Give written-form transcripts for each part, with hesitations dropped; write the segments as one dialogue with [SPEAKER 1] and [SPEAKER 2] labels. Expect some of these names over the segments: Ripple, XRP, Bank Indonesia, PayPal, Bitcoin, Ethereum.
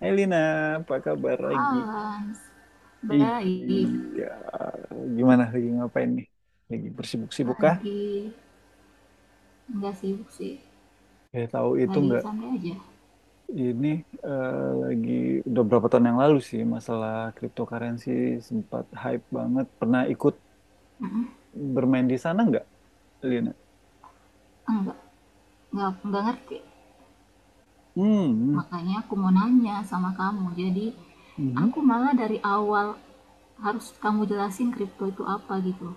[SPEAKER 1] Hai Lina, apa kabar lagi?
[SPEAKER 2] Halo, baik.
[SPEAKER 1] Iya, gimana lagi ngapain nih? Lagi bersibuk-sibuk kah?
[SPEAKER 2] Lagi nggak sibuk sih.
[SPEAKER 1] Ya tahu itu
[SPEAKER 2] Lagi
[SPEAKER 1] nggak?
[SPEAKER 2] santai aja.
[SPEAKER 1] Ini eh, lagi udah berapa tahun yang lalu sih masalah cryptocurrency sempat hype banget. Pernah ikut bermain di sana nggak, Lina?
[SPEAKER 2] Enggak, nggak ngerti.
[SPEAKER 1] Hmm,
[SPEAKER 2] Makanya aku mau nanya sama kamu. Jadi
[SPEAKER 1] mhm.
[SPEAKER 2] aku malah dari awal harus kamu jelasin kripto itu apa gitu.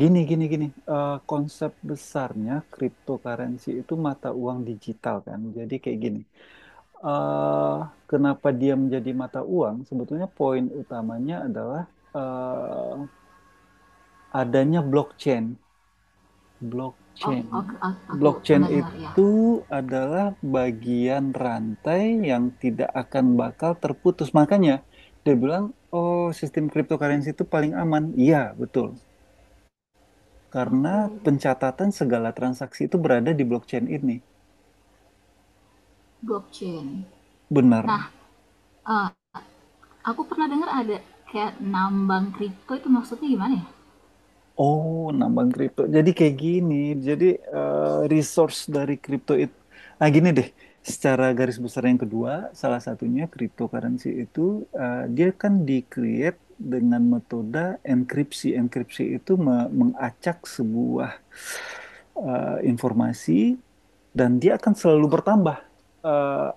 [SPEAKER 1] Gini, gini, gini. Konsep besarnya cryptocurrency itu mata uang digital kan. Jadi kayak gini. eh, Kenapa dia menjadi mata uang, sebetulnya poin utamanya adalah eh, adanya blockchain.
[SPEAKER 2] Oh,
[SPEAKER 1] Blockchain.
[SPEAKER 2] oke, aku
[SPEAKER 1] Blockchain
[SPEAKER 2] pernah dengar ya.
[SPEAKER 1] itu adalah bagian rantai yang tidak akan bakal terputus. Makanya dia bilang, oh sistem cryptocurrency itu paling aman. Iya, betul. Karena
[SPEAKER 2] Oke.
[SPEAKER 1] pencatatan segala transaksi itu berada di blockchain ini.
[SPEAKER 2] Blockchain.
[SPEAKER 1] Benar.
[SPEAKER 2] Nah, eh, aku pernah dengar ada kayak nambang kripto itu maksudnya gimana ya?
[SPEAKER 1] Oh, nambang kripto. Jadi kayak gini. Jadi resource dari kripto itu, gini deh. Secara garis besar yang kedua, salah satunya cryptocurrency itu dia kan di-create dengan metode enkripsi. Enkripsi itu mengacak sebuah informasi dan dia akan selalu bertambah. Eh,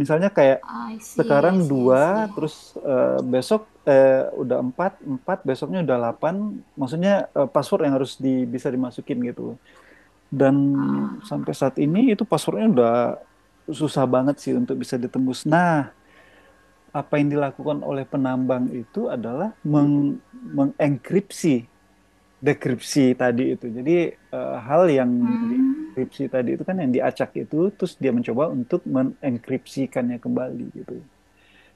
[SPEAKER 1] Misalnya kayak
[SPEAKER 2] I see,
[SPEAKER 1] sekarang
[SPEAKER 2] I see, I
[SPEAKER 1] dua,
[SPEAKER 2] see.
[SPEAKER 1] terus besok udah empat, empat besoknya udah delapan. Maksudnya password yang harus bisa dimasukin gitu. Dan
[SPEAKER 2] Ah,
[SPEAKER 1] sampai saat
[SPEAKER 2] oke.
[SPEAKER 1] ini itu passwordnya udah susah banget sih untuk bisa ditembus. Nah, apa yang dilakukan oleh penambang itu adalah mengenkripsi dekripsi tadi itu. Jadi hal yang
[SPEAKER 2] Hmm.
[SPEAKER 1] dikripsi tadi itu kan yang diacak itu, terus dia mencoba untuk menenkripsikannya kembali gitu.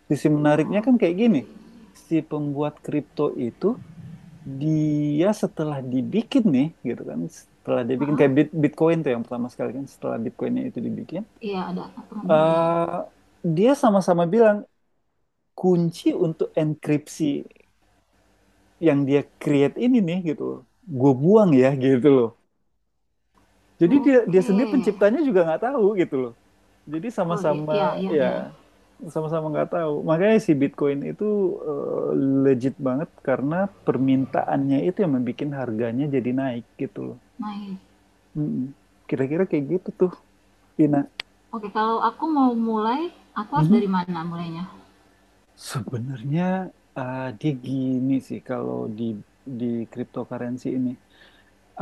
[SPEAKER 1] Sisi menariknya kan kayak
[SPEAKER 2] Oke.
[SPEAKER 1] gini, si pembuat kripto itu dia setelah dibikin nih, gitu kan, setelah dibikin
[SPEAKER 2] Maaf,
[SPEAKER 1] kayak Bitcoin tuh yang pertama sekali kan, setelah Bitcoinnya itu dibikin,
[SPEAKER 2] iya ada aturan bentar ya.
[SPEAKER 1] eh dia sama-sama bilang kunci untuk enkripsi yang dia create ini nih gitu loh, gue buang ya gitu loh. Jadi dia dia
[SPEAKER 2] Oke.
[SPEAKER 1] sendiri penciptanya juga nggak tahu gitu loh. Jadi
[SPEAKER 2] Oh,
[SPEAKER 1] sama-sama
[SPEAKER 2] iya iya
[SPEAKER 1] ya
[SPEAKER 2] iya.
[SPEAKER 1] sama-sama nggak tahu. Makanya si Bitcoin itu eh, legit banget karena permintaannya itu yang membuat harganya jadi naik gitu loh.
[SPEAKER 2] Naik.
[SPEAKER 1] Mm-mm. Kira-kira kayak gitu tuh, Vina.
[SPEAKER 2] Oke, kalau aku mau mulai, aku harus
[SPEAKER 1] Mhm.
[SPEAKER 2] dari mana mulainya?
[SPEAKER 1] Sebenarnya dia gini sih kalau di cryptocurrency ini.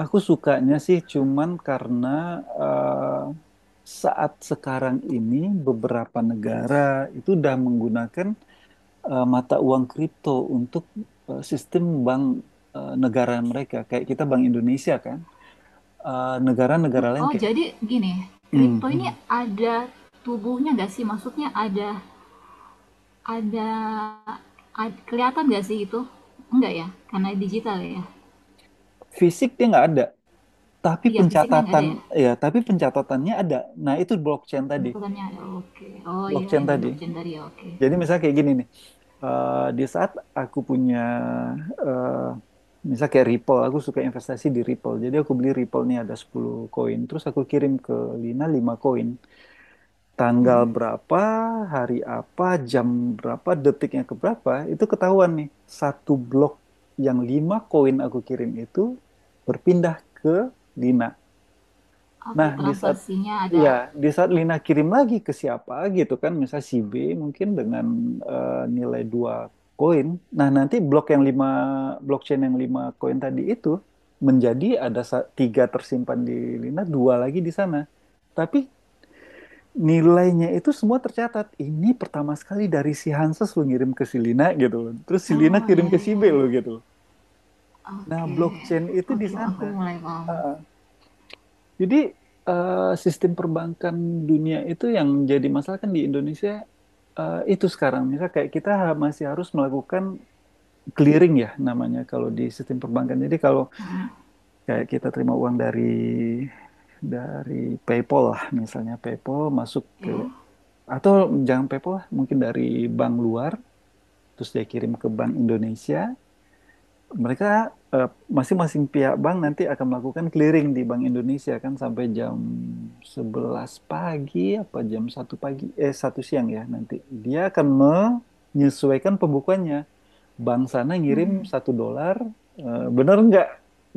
[SPEAKER 1] Aku sukanya sih cuman karena eh, saat sekarang ini beberapa negara itu udah menggunakan mata uang kripto untuk sistem bank negara mereka. Kayak kita Bank Indonesia kan.
[SPEAKER 2] Hmm,
[SPEAKER 1] Negara-negara lain
[SPEAKER 2] oh,
[SPEAKER 1] kayak
[SPEAKER 2] jadi gini,
[SPEAKER 1] "Hmm,
[SPEAKER 2] kripto ini
[SPEAKER 1] hmm."
[SPEAKER 2] ada tubuhnya nggak sih? Maksudnya ada, kelihatan nggak sih itu? Enggak ya, karena digital ya.
[SPEAKER 1] Fisik dia nggak ada, tapi
[SPEAKER 2] Iya, fisiknya nggak ada
[SPEAKER 1] pencatatan
[SPEAKER 2] ya.
[SPEAKER 1] ya, tapi pencatatannya ada. Nah itu blockchain tadi,
[SPEAKER 2] Bukannya ada. Oke. Oh iya,
[SPEAKER 1] blockchain
[SPEAKER 2] yang di
[SPEAKER 1] tadi.
[SPEAKER 2] blockchain dari ya. Oke.
[SPEAKER 1] Jadi misalnya kayak gini nih, di saat aku punya, eh misalnya kayak Ripple, aku suka investasi di Ripple. Jadi aku beli Ripple nih ada 10 koin, terus aku kirim ke Lina 5 koin. Tanggal
[SPEAKER 2] Hmm.
[SPEAKER 1] berapa, hari apa, jam berapa, detiknya ke berapa, itu ketahuan nih. Satu blok yang 5 koin aku kirim itu berpindah ke Lina.
[SPEAKER 2] Oke,
[SPEAKER 1] Nah, di saat
[SPEAKER 2] transaksinya
[SPEAKER 1] ya,
[SPEAKER 2] ada.
[SPEAKER 1] di saat Lina kirim lagi ke siapa gitu kan, misalnya si B mungkin dengan nilai 2 koin. Nah, nanti blok yang lima blockchain yang 5 koin tadi itu menjadi ada tiga tersimpan di Lina, dua lagi di sana. Tapi nilainya itu semua tercatat. Ini pertama sekali dari si Hanses lo ngirim ke si Lina gitu loh. Terus si Lina
[SPEAKER 2] Oh
[SPEAKER 1] kirim
[SPEAKER 2] iya
[SPEAKER 1] ke si
[SPEAKER 2] iya
[SPEAKER 1] B
[SPEAKER 2] iya.
[SPEAKER 1] lo gitu. Nah,
[SPEAKER 2] Oke,
[SPEAKER 1] blockchain itu di
[SPEAKER 2] oke, aku
[SPEAKER 1] sana.
[SPEAKER 2] mulai paham.
[SPEAKER 1] Jadi sistem perbankan dunia itu yang jadi masalah kan di Indonesia itu sekarang misalnya kayak kita masih harus melakukan clearing ya namanya kalau di sistem perbankan. Jadi kalau kayak kita terima uang dari PayPal lah misalnya PayPal masuk ke
[SPEAKER 2] Ya,
[SPEAKER 1] atau jangan PayPal lah, mungkin dari bank luar terus dia kirim ke bank Indonesia mereka eh, masing-masing pihak bank nanti akan melakukan clearing di Bank Indonesia kan sampai jam 11 pagi apa jam 1 pagi 1 siang ya nanti. Dia akan menyesuaikan pembukuannya. Bank sana
[SPEAKER 2] hmm,
[SPEAKER 1] ngirim 1 dolar, bener nggak?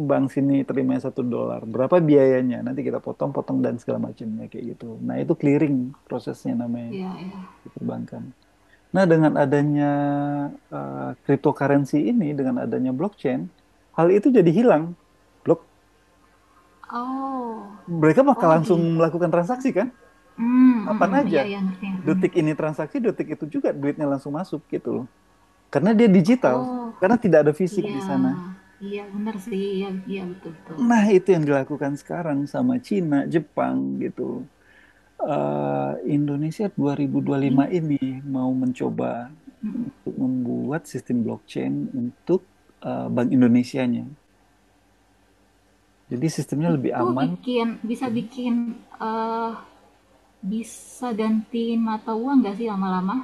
[SPEAKER 1] Bank sini terima 1 dolar. Berapa biayanya? Nanti kita potong-potong dan segala macamnya kayak gitu. Nah itu clearing prosesnya namanya
[SPEAKER 2] ya, ya.
[SPEAKER 1] di perbankan. Nah, dengan adanya eh, cryptocurrency ini, dengan adanya blockchain, hal itu jadi hilang. Blok,
[SPEAKER 2] Oh,
[SPEAKER 1] mereka bakal
[SPEAKER 2] oh
[SPEAKER 1] langsung
[SPEAKER 2] gitu.
[SPEAKER 1] melakukan transaksi kan?
[SPEAKER 2] Hmm,
[SPEAKER 1] Kapan
[SPEAKER 2] mhm,
[SPEAKER 1] aja.
[SPEAKER 2] ya iya, ngerti ngerti
[SPEAKER 1] Detik
[SPEAKER 2] ngerti.
[SPEAKER 1] ini transaksi, detik itu juga duitnya langsung masuk gitu loh. Karena dia digital,
[SPEAKER 2] Oh,
[SPEAKER 1] karena tidak ada fisik
[SPEAKER 2] iya,
[SPEAKER 1] di sana.
[SPEAKER 2] iya benar sih, iya iya, betul betul
[SPEAKER 1] Nah,
[SPEAKER 2] betul.
[SPEAKER 1] itu yang dilakukan sekarang sama Cina, Jepang gitu loh. Indonesia 2025
[SPEAKER 2] Ini,
[SPEAKER 1] ini mau mencoba
[SPEAKER 2] mhm.
[SPEAKER 1] untuk membuat sistem blockchain untuk Bank Indonesianya. Jadi sistemnya lebih
[SPEAKER 2] Itu
[SPEAKER 1] aman.
[SPEAKER 2] bikin bisa
[SPEAKER 1] Hmm.
[SPEAKER 2] bikin, eee, bisa gantiin mata uang nggak sih lama-lama?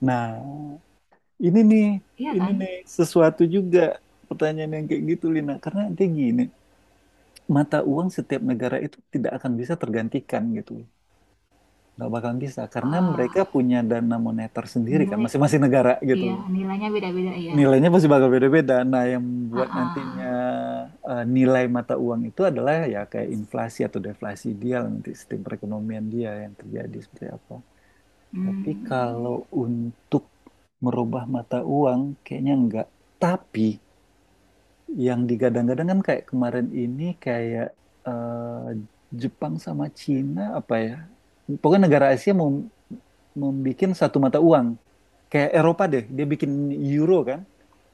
[SPEAKER 1] Nah, ini nih,
[SPEAKER 2] Iya
[SPEAKER 1] ini
[SPEAKER 2] kan?
[SPEAKER 1] nih sesuatu juga pertanyaan yang kayak gitu, Lina. Karena dia gini, mata uang setiap negara itu tidak akan bisa tergantikan gitu. Nggak bakal bisa, karena mereka
[SPEAKER 2] Eee,
[SPEAKER 1] punya dana moneter sendiri kan,
[SPEAKER 2] nilai
[SPEAKER 1] masing-masing negara gitu
[SPEAKER 2] Iya,
[SPEAKER 1] loh.
[SPEAKER 2] nilainya beda-beda ya?
[SPEAKER 1] Nilainya pasti bakal beda-beda. Nah, yang
[SPEAKER 2] Ah,
[SPEAKER 1] buat nantinya
[SPEAKER 2] ah.
[SPEAKER 1] nilai mata uang itu adalah ya kayak inflasi atau deflasi dia lah nanti sistem perekonomian dia yang terjadi seperti apa. Tapi
[SPEAKER 2] Hmm,
[SPEAKER 1] kalau untuk merubah mata uang, kayaknya enggak. Tapi yang digadang-gadang kan kayak kemarin ini kayak Jepang sama Cina apa ya? Pokoknya negara Asia mau membuat satu mata uang. Kayak Eropa deh, dia bikin euro kan,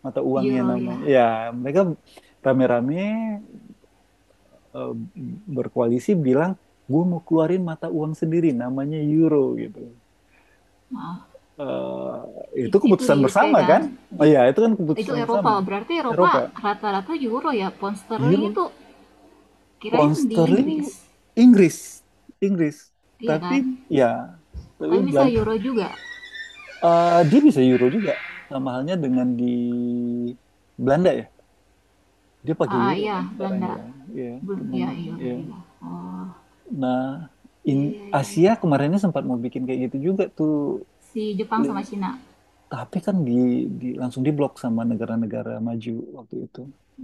[SPEAKER 1] mata uangnya
[SPEAKER 2] euro ya?
[SPEAKER 1] namanya. Ya, mereka rame-rame eh, berkoalisi bilang, gue mau keluarin mata uang sendiri, namanya euro gitu.
[SPEAKER 2] Maaf,
[SPEAKER 1] Itu
[SPEAKER 2] itu di
[SPEAKER 1] keputusan
[SPEAKER 2] UK
[SPEAKER 1] bersama
[SPEAKER 2] kan.
[SPEAKER 1] kan? Iya, itu kan
[SPEAKER 2] Itu
[SPEAKER 1] keputusan bersama.
[SPEAKER 2] Eropa, berarti
[SPEAKER 1] Eropa,
[SPEAKER 2] Eropa rata-rata euro ya. Pound sterling
[SPEAKER 1] Euro,
[SPEAKER 2] itu
[SPEAKER 1] pound
[SPEAKER 2] kirain di
[SPEAKER 1] sterling,
[SPEAKER 2] Inggris,
[SPEAKER 1] Inggris, Inggris.
[SPEAKER 2] iya kan?
[SPEAKER 1] Tapi ya, tapi
[SPEAKER 2] Tapi bisa
[SPEAKER 1] Belanda,
[SPEAKER 2] euro juga.
[SPEAKER 1] dia bisa Euro juga. Sama halnya dengan di Belanda ya. Dia pakai
[SPEAKER 2] Ah, ah,
[SPEAKER 1] Euro
[SPEAKER 2] iya,
[SPEAKER 1] kan sekarang
[SPEAKER 2] Belanda.
[SPEAKER 1] ya. Iya,
[SPEAKER 2] Belum,
[SPEAKER 1] penuh
[SPEAKER 2] ya euro
[SPEAKER 1] ya.
[SPEAKER 2] juga. Oh,
[SPEAKER 1] Nah, in
[SPEAKER 2] iya iya iya
[SPEAKER 1] Asia
[SPEAKER 2] iya.
[SPEAKER 1] kemarinnya sempat mau bikin kayak gitu juga tuh.
[SPEAKER 2] Si Jepang sama Cina
[SPEAKER 1] Tapi kan di langsung diblok sama negara-negara maju waktu itu.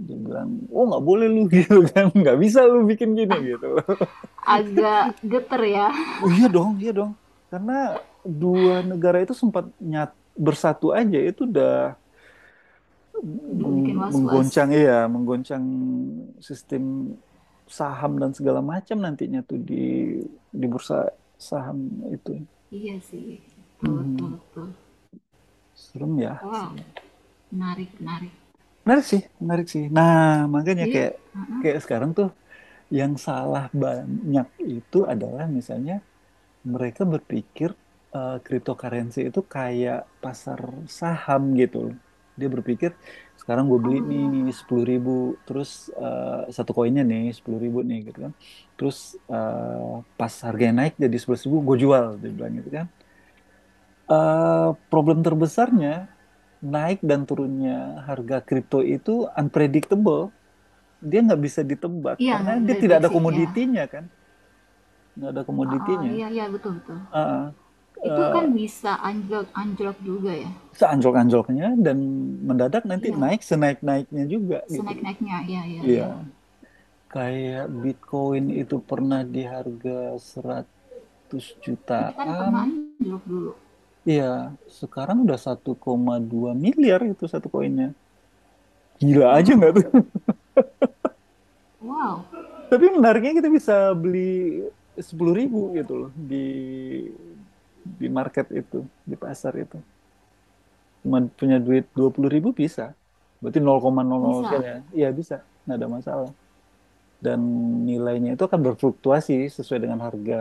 [SPEAKER 1] Dia bilang, oh nggak boleh lu gitu kan, nggak bisa lu bikin gini gitu.
[SPEAKER 2] agak geter ya.
[SPEAKER 1] Oh iya dong, iya dong. Karena dua negara itu sempat nyat bersatu aja itu udah
[SPEAKER 2] Udah bikin was-was.
[SPEAKER 1] menggoncang ya, menggoncang sistem saham dan segala macam nantinya tuh di bursa saham itu.
[SPEAKER 2] Iya sih, betul betul
[SPEAKER 1] Hmm,
[SPEAKER 2] betul.
[SPEAKER 1] serem ya,
[SPEAKER 2] Wow,
[SPEAKER 1] serem.
[SPEAKER 2] menarik menarik.
[SPEAKER 1] Menarik sih, menarik sih. Nah, makanya
[SPEAKER 2] Jadi,
[SPEAKER 1] kayak
[SPEAKER 2] ah, ah.
[SPEAKER 1] kayak sekarang tuh yang salah banyak itu adalah misalnya mereka berpikir cryptocurrency itu kayak pasar saham gitu loh. Dia berpikir sekarang gue beli
[SPEAKER 2] Oh ya
[SPEAKER 1] nih 10.000, terus satu koinnya nih 10.000 nih gitu kan. Terus pas harganya naik jadi 11.000 ribu gue jual, dia bilang gitu kan. Problem terbesarnya naik dan turunnya harga kripto itu unpredictable dia nggak bisa ditebak
[SPEAKER 2] iya
[SPEAKER 1] karena
[SPEAKER 2] nggak bisa
[SPEAKER 1] dia tidak ada
[SPEAKER 2] diprediksi ya.
[SPEAKER 1] komoditinya kan, nggak ada
[SPEAKER 2] Heeh,
[SPEAKER 1] komoditinya.
[SPEAKER 2] iya iya betul betul.
[SPEAKER 1] Ah,
[SPEAKER 2] Itu kan
[SPEAKER 1] eh,
[SPEAKER 2] bisa anjlok anjlok juga ya?
[SPEAKER 1] Seanjlok-anjloknya dan mendadak nanti
[SPEAKER 2] Iya,
[SPEAKER 1] naik senaik-naiknya juga gitu.
[SPEAKER 2] senaik-naiknya. Iya iya
[SPEAKER 1] Iya
[SPEAKER 2] iya.
[SPEAKER 1] kayak Bitcoin itu pernah di harga seratus
[SPEAKER 2] Iya kan
[SPEAKER 1] jutaan
[SPEAKER 2] pernah anjlok dulu.
[SPEAKER 1] Iya sekarang udah 1,2 miliar itu satu koinnya, gila aja nggak
[SPEAKER 2] Wow,
[SPEAKER 1] tuh.
[SPEAKER 2] wow,
[SPEAKER 1] Tapi menariknya kita bisa beli 10.000 gitu loh di market itu, di pasar itu cuma punya duit 20.000 bisa. Berarti nol nol koma nol nol sekian
[SPEAKER 2] bisa.
[SPEAKER 1] ya. Iya bisa, nggak ada masalah. Dan nilainya itu akan berfluktuasi sesuai dengan harga.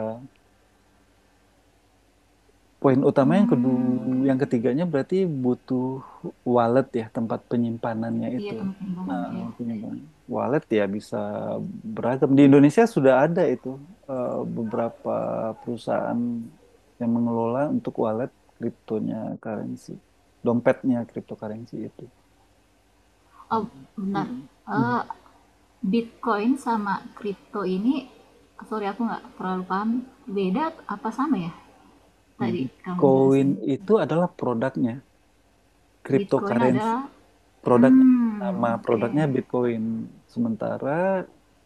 [SPEAKER 1] Poin utama yang kedua, yang
[SPEAKER 2] Hmm,
[SPEAKER 1] ketiganya berarti butuh wallet ya, tempat penyimpanannya
[SPEAKER 2] iya
[SPEAKER 1] itu.
[SPEAKER 2] tempat
[SPEAKER 1] Nah,
[SPEAKER 2] penimbangannya ya.
[SPEAKER 1] penyimpanan. Wallet ya bisa beragam. Di Indonesia sudah ada itu eh, beberapa perusahaan yang mengelola untuk wallet kriptonya currency, dompetnya cryptocurrency itu.
[SPEAKER 2] Oh, benar.
[SPEAKER 1] Mm.
[SPEAKER 2] Eh,
[SPEAKER 1] Mm.
[SPEAKER 2] Bitcoin sama kripto ini, sorry aku nggak terlalu paham. Beda apa sama ya? Tadi kamu
[SPEAKER 1] Bitcoin
[SPEAKER 2] jelasin.
[SPEAKER 1] itu adalah produknya,
[SPEAKER 2] Bitcoin
[SPEAKER 1] cryptocurrency
[SPEAKER 2] adalah,
[SPEAKER 1] produknya. Nama
[SPEAKER 2] oke.
[SPEAKER 1] produknya Bitcoin. Sementara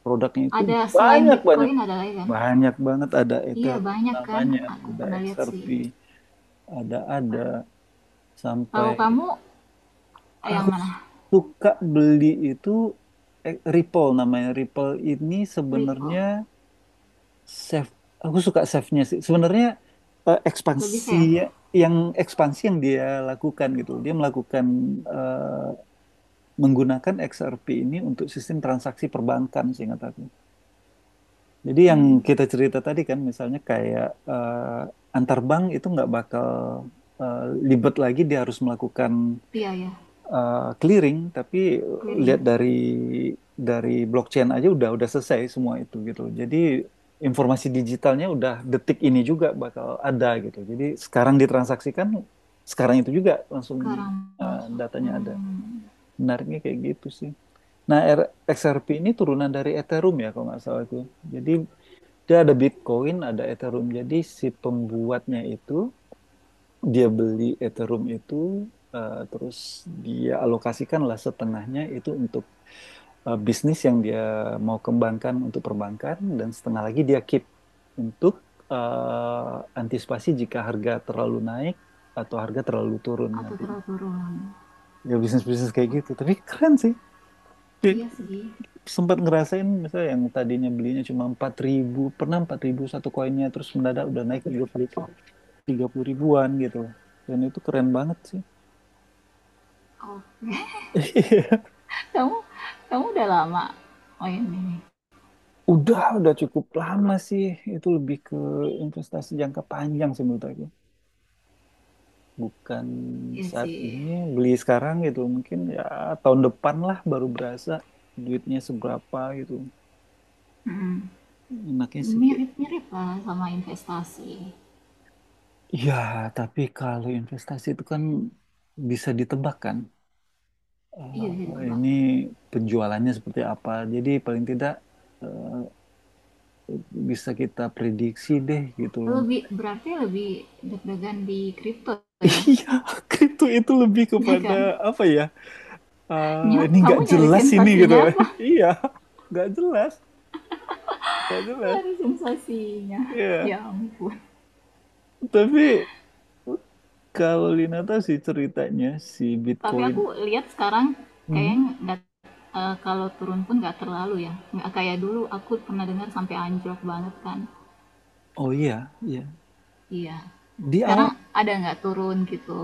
[SPEAKER 1] produknya itu
[SPEAKER 2] Ada selain
[SPEAKER 1] banyak-banyak.
[SPEAKER 2] Bitcoin ada lagi kan?
[SPEAKER 1] Banyak banget ada
[SPEAKER 2] Iya,
[SPEAKER 1] Ethereum
[SPEAKER 2] banyak kan?
[SPEAKER 1] namanya,
[SPEAKER 2] Aku
[SPEAKER 1] ada
[SPEAKER 2] pernah lihat
[SPEAKER 1] XRP,
[SPEAKER 2] sih.
[SPEAKER 1] ada
[SPEAKER 2] Kalau
[SPEAKER 1] sampai
[SPEAKER 2] kamu yang
[SPEAKER 1] aku
[SPEAKER 2] mana?
[SPEAKER 1] suka beli itu Ripple namanya. Ripple ini sebenarnya
[SPEAKER 2] Ripple.
[SPEAKER 1] Chef, aku suka chefnya sih. Sebenarnya eh,
[SPEAKER 2] Lebih
[SPEAKER 1] ekspansi
[SPEAKER 2] safe.
[SPEAKER 1] yang ekspansi yang dia lakukan gitu, dia melakukan eh, menggunakan XRP ini untuk sistem transaksi perbankan sih kata aku. Jadi yang
[SPEAKER 2] Hmm,
[SPEAKER 1] kita cerita tadi kan, misalnya kayak antar bank itu nggak bakal eh, libet lagi, dia harus melakukan
[SPEAKER 2] iya ya,
[SPEAKER 1] clearing tapi lihat
[SPEAKER 2] clearing.
[SPEAKER 1] dari blockchain aja udah selesai semua itu gitu. Jadi informasi digitalnya udah detik ini juga bakal ada gitu. Jadi sekarang ditransaksikan sekarang itu juga langsung
[SPEAKER 2] Sekarang masuk.
[SPEAKER 1] datanya ada.
[SPEAKER 2] Hmm,
[SPEAKER 1] Menariknya kayak gitu sih. Nah, XRP ini turunan dari Ethereum ya kalau nggak salah itu. Jadi dia ada Bitcoin, ada Ethereum. Jadi si pembuatnya itu dia beli Ethereum itu terus dia alokasikan lah setengahnya itu untuk bisnis yang dia mau kembangkan untuk perbankan dan setengah lagi dia keep untuk antisipasi jika harga terlalu naik atau harga terlalu turun
[SPEAKER 2] atau
[SPEAKER 1] nanti.
[SPEAKER 2] teratur ulang.
[SPEAKER 1] Ya bisnis-bisnis kayak gitu.
[SPEAKER 2] Oke.
[SPEAKER 1] Tapi keren sih. Ya.
[SPEAKER 2] Iya sih.
[SPEAKER 1] Sempat ngerasain misalnya yang tadinya belinya cuma 4.000, pernah 4.000 satu koinnya terus mendadak udah naik 30.000-an gitu. Dan itu keren banget sih.
[SPEAKER 2] Oke. Kamu kamu udah lama main ini.
[SPEAKER 1] Udah, cukup lama sih. Itu lebih ke investasi jangka panjang sih menurut aku. Bukan
[SPEAKER 2] Iya
[SPEAKER 1] saat
[SPEAKER 2] sih.
[SPEAKER 1] ini beli sekarang gitu. Mungkin ya tahun depan lah baru berasa duitnya seberapa gitu.
[SPEAKER 2] Hmm,
[SPEAKER 1] Enaknya sih kayak.
[SPEAKER 2] mirip-mirip lah sama investasi.
[SPEAKER 1] Ya, tapi kalau investasi itu kan bisa ditebak kan.
[SPEAKER 2] Iya bisa ditebak.
[SPEAKER 1] Ini penjualannya seperti apa. Jadi paling tidak eh, bisa kita prediksi deh gitu loh.
[SPEAKER 2] Lebih berarti lebih deg-degan di kripto ya.
[SPEAKER 1] Iya, itu lebih
[SPEAKER 2] Ya
[SPEAKER 1] kepada
[SPEAKER 2] kan?
[SPEAKER 1] apa ya?
[SPEAKER 2] Nyok,
[SPEAKER 1] Ini
[SPEAKER 2] kamu
[SPEAKER 1] nggak
[SPEAKER 2] nyari
[SPEAKER 1] jelas ini gitu.
[SPEAKER 2] sensasinya.
[SPEAKER 1] Iya, nggak jelas, nggak jelas.
[SPEAKER 2] Ada sensasinya.
[SPEAKER 1] Iya,
[SPEAKER 2] Ya ya ampun.
[SPEAKER 1] tapi kalau Lina tahu sih ceritanya si
[SPEAKER 2] Tapi
[SPEAKER 1] Bitcoin.
[SPEAKER 2] aku lihat sekarang kayaknya
[SPEAKER 1] Mhm.
[SPEAKER 2] nggak kalau turun pun nggak terlalu ya. Nggak kayak dulu aku pernah dengar sampai anjlok banget kan.
[SPEAKER 1] Oh iya, iya.
[SPEAKER 2] Iya.
[SPEAKER 1] Di awal
[SPEAKER 2] Sekarang ada nggak turun gitu?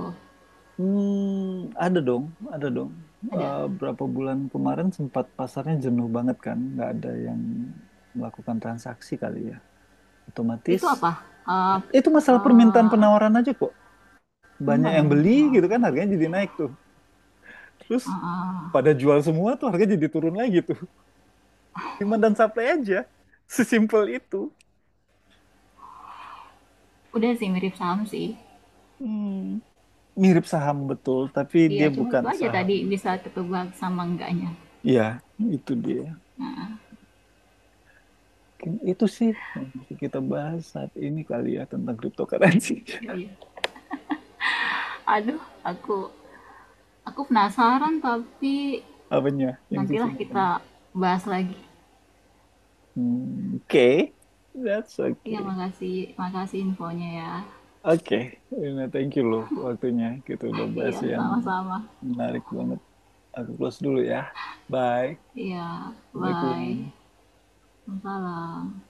[SPEAKER 1] ada dong, ada dong.
[SPEAKER 2] Ada.
[SPEAKER 1] Berapa bulan kemarin sempat pasarnya jenuh banget kan, nggak ada yang melakukan transaksi kali ya. Otomatis
[SPEAKER 2] Itu apa? Eh
[SPEAKER 1] itu masalah permintaan
[SPEAKER 2] eh,
[SPEAKER 1] penawaran aja kok.
[SPEAKER 2] Apa
[SPEAKER 1] Banyak yang beli
[SPEAKER 2] namanya? Oh,
[SPEAKER 1] gitu
[SPEAKER 2] oke.
[SPEAKER 1] kan, harganya jadi naik tuh.
[SPEAKER 2] Eh,
[SPEAKER 1] Terus
[SPEAKER 2] eh,
[SPEAKER 1] pada jual semua tuh harga jadi turun lagi tuh. Demand dan supply aja. Sesimpel itu.
[SPEAKER 2] udah sih mirip saham sih.
[SPEAKER 1] Hmm. Mirip saham betul, tapi
[SPEAKER 2] Iya,
[SPEAKER 1] dia
[SPEAKER 2] cuma
[SPEAKER 1] bukan
[SPEAKER 2] itu aja
[SPEAKER 1] saham.
[SPEAKER 2] tadi bisa
[SPEAKER 1] Ya,
[SPEAKER 2] ketebak sama enggaknya.
[SPEAKER 1] iya, itu dia. Mungkin itu sih yang bisa kita bahas saat ini kali ya tentang cryptocurrency.
[SPEAKER 2] Gitu ya. Aduh, aku aku penasaran tapi
[SPEAKER 1] Apanya? Yang sisi
[SPEAKER 2] nantilah
[SPEAKER 1] mananya?
[SPEAKER 2] kita bahas lagi.
[SPEAKER 1] Hmm. Oke. That's
[SPEAKER 2] Iya,
[SPEAKER 1] okay.
[SPEAKER 2] makasih, makasih infonya ya.
[SPEAKER 1] Oke, Rina, thank you loh waktunya. Kita udah bahas
[SPEAKER 2] Iya,
[SPEAKER 1] yang
[SPEAKER 2] sama-sama.
[SPEAKER 1] menarik banget. Aku close dulu ya. Bye.
[SPEAKER 2] Iya,
[SPEAKER 1] Assalamualaikum.
[SPEAKER 2] bye. Salam.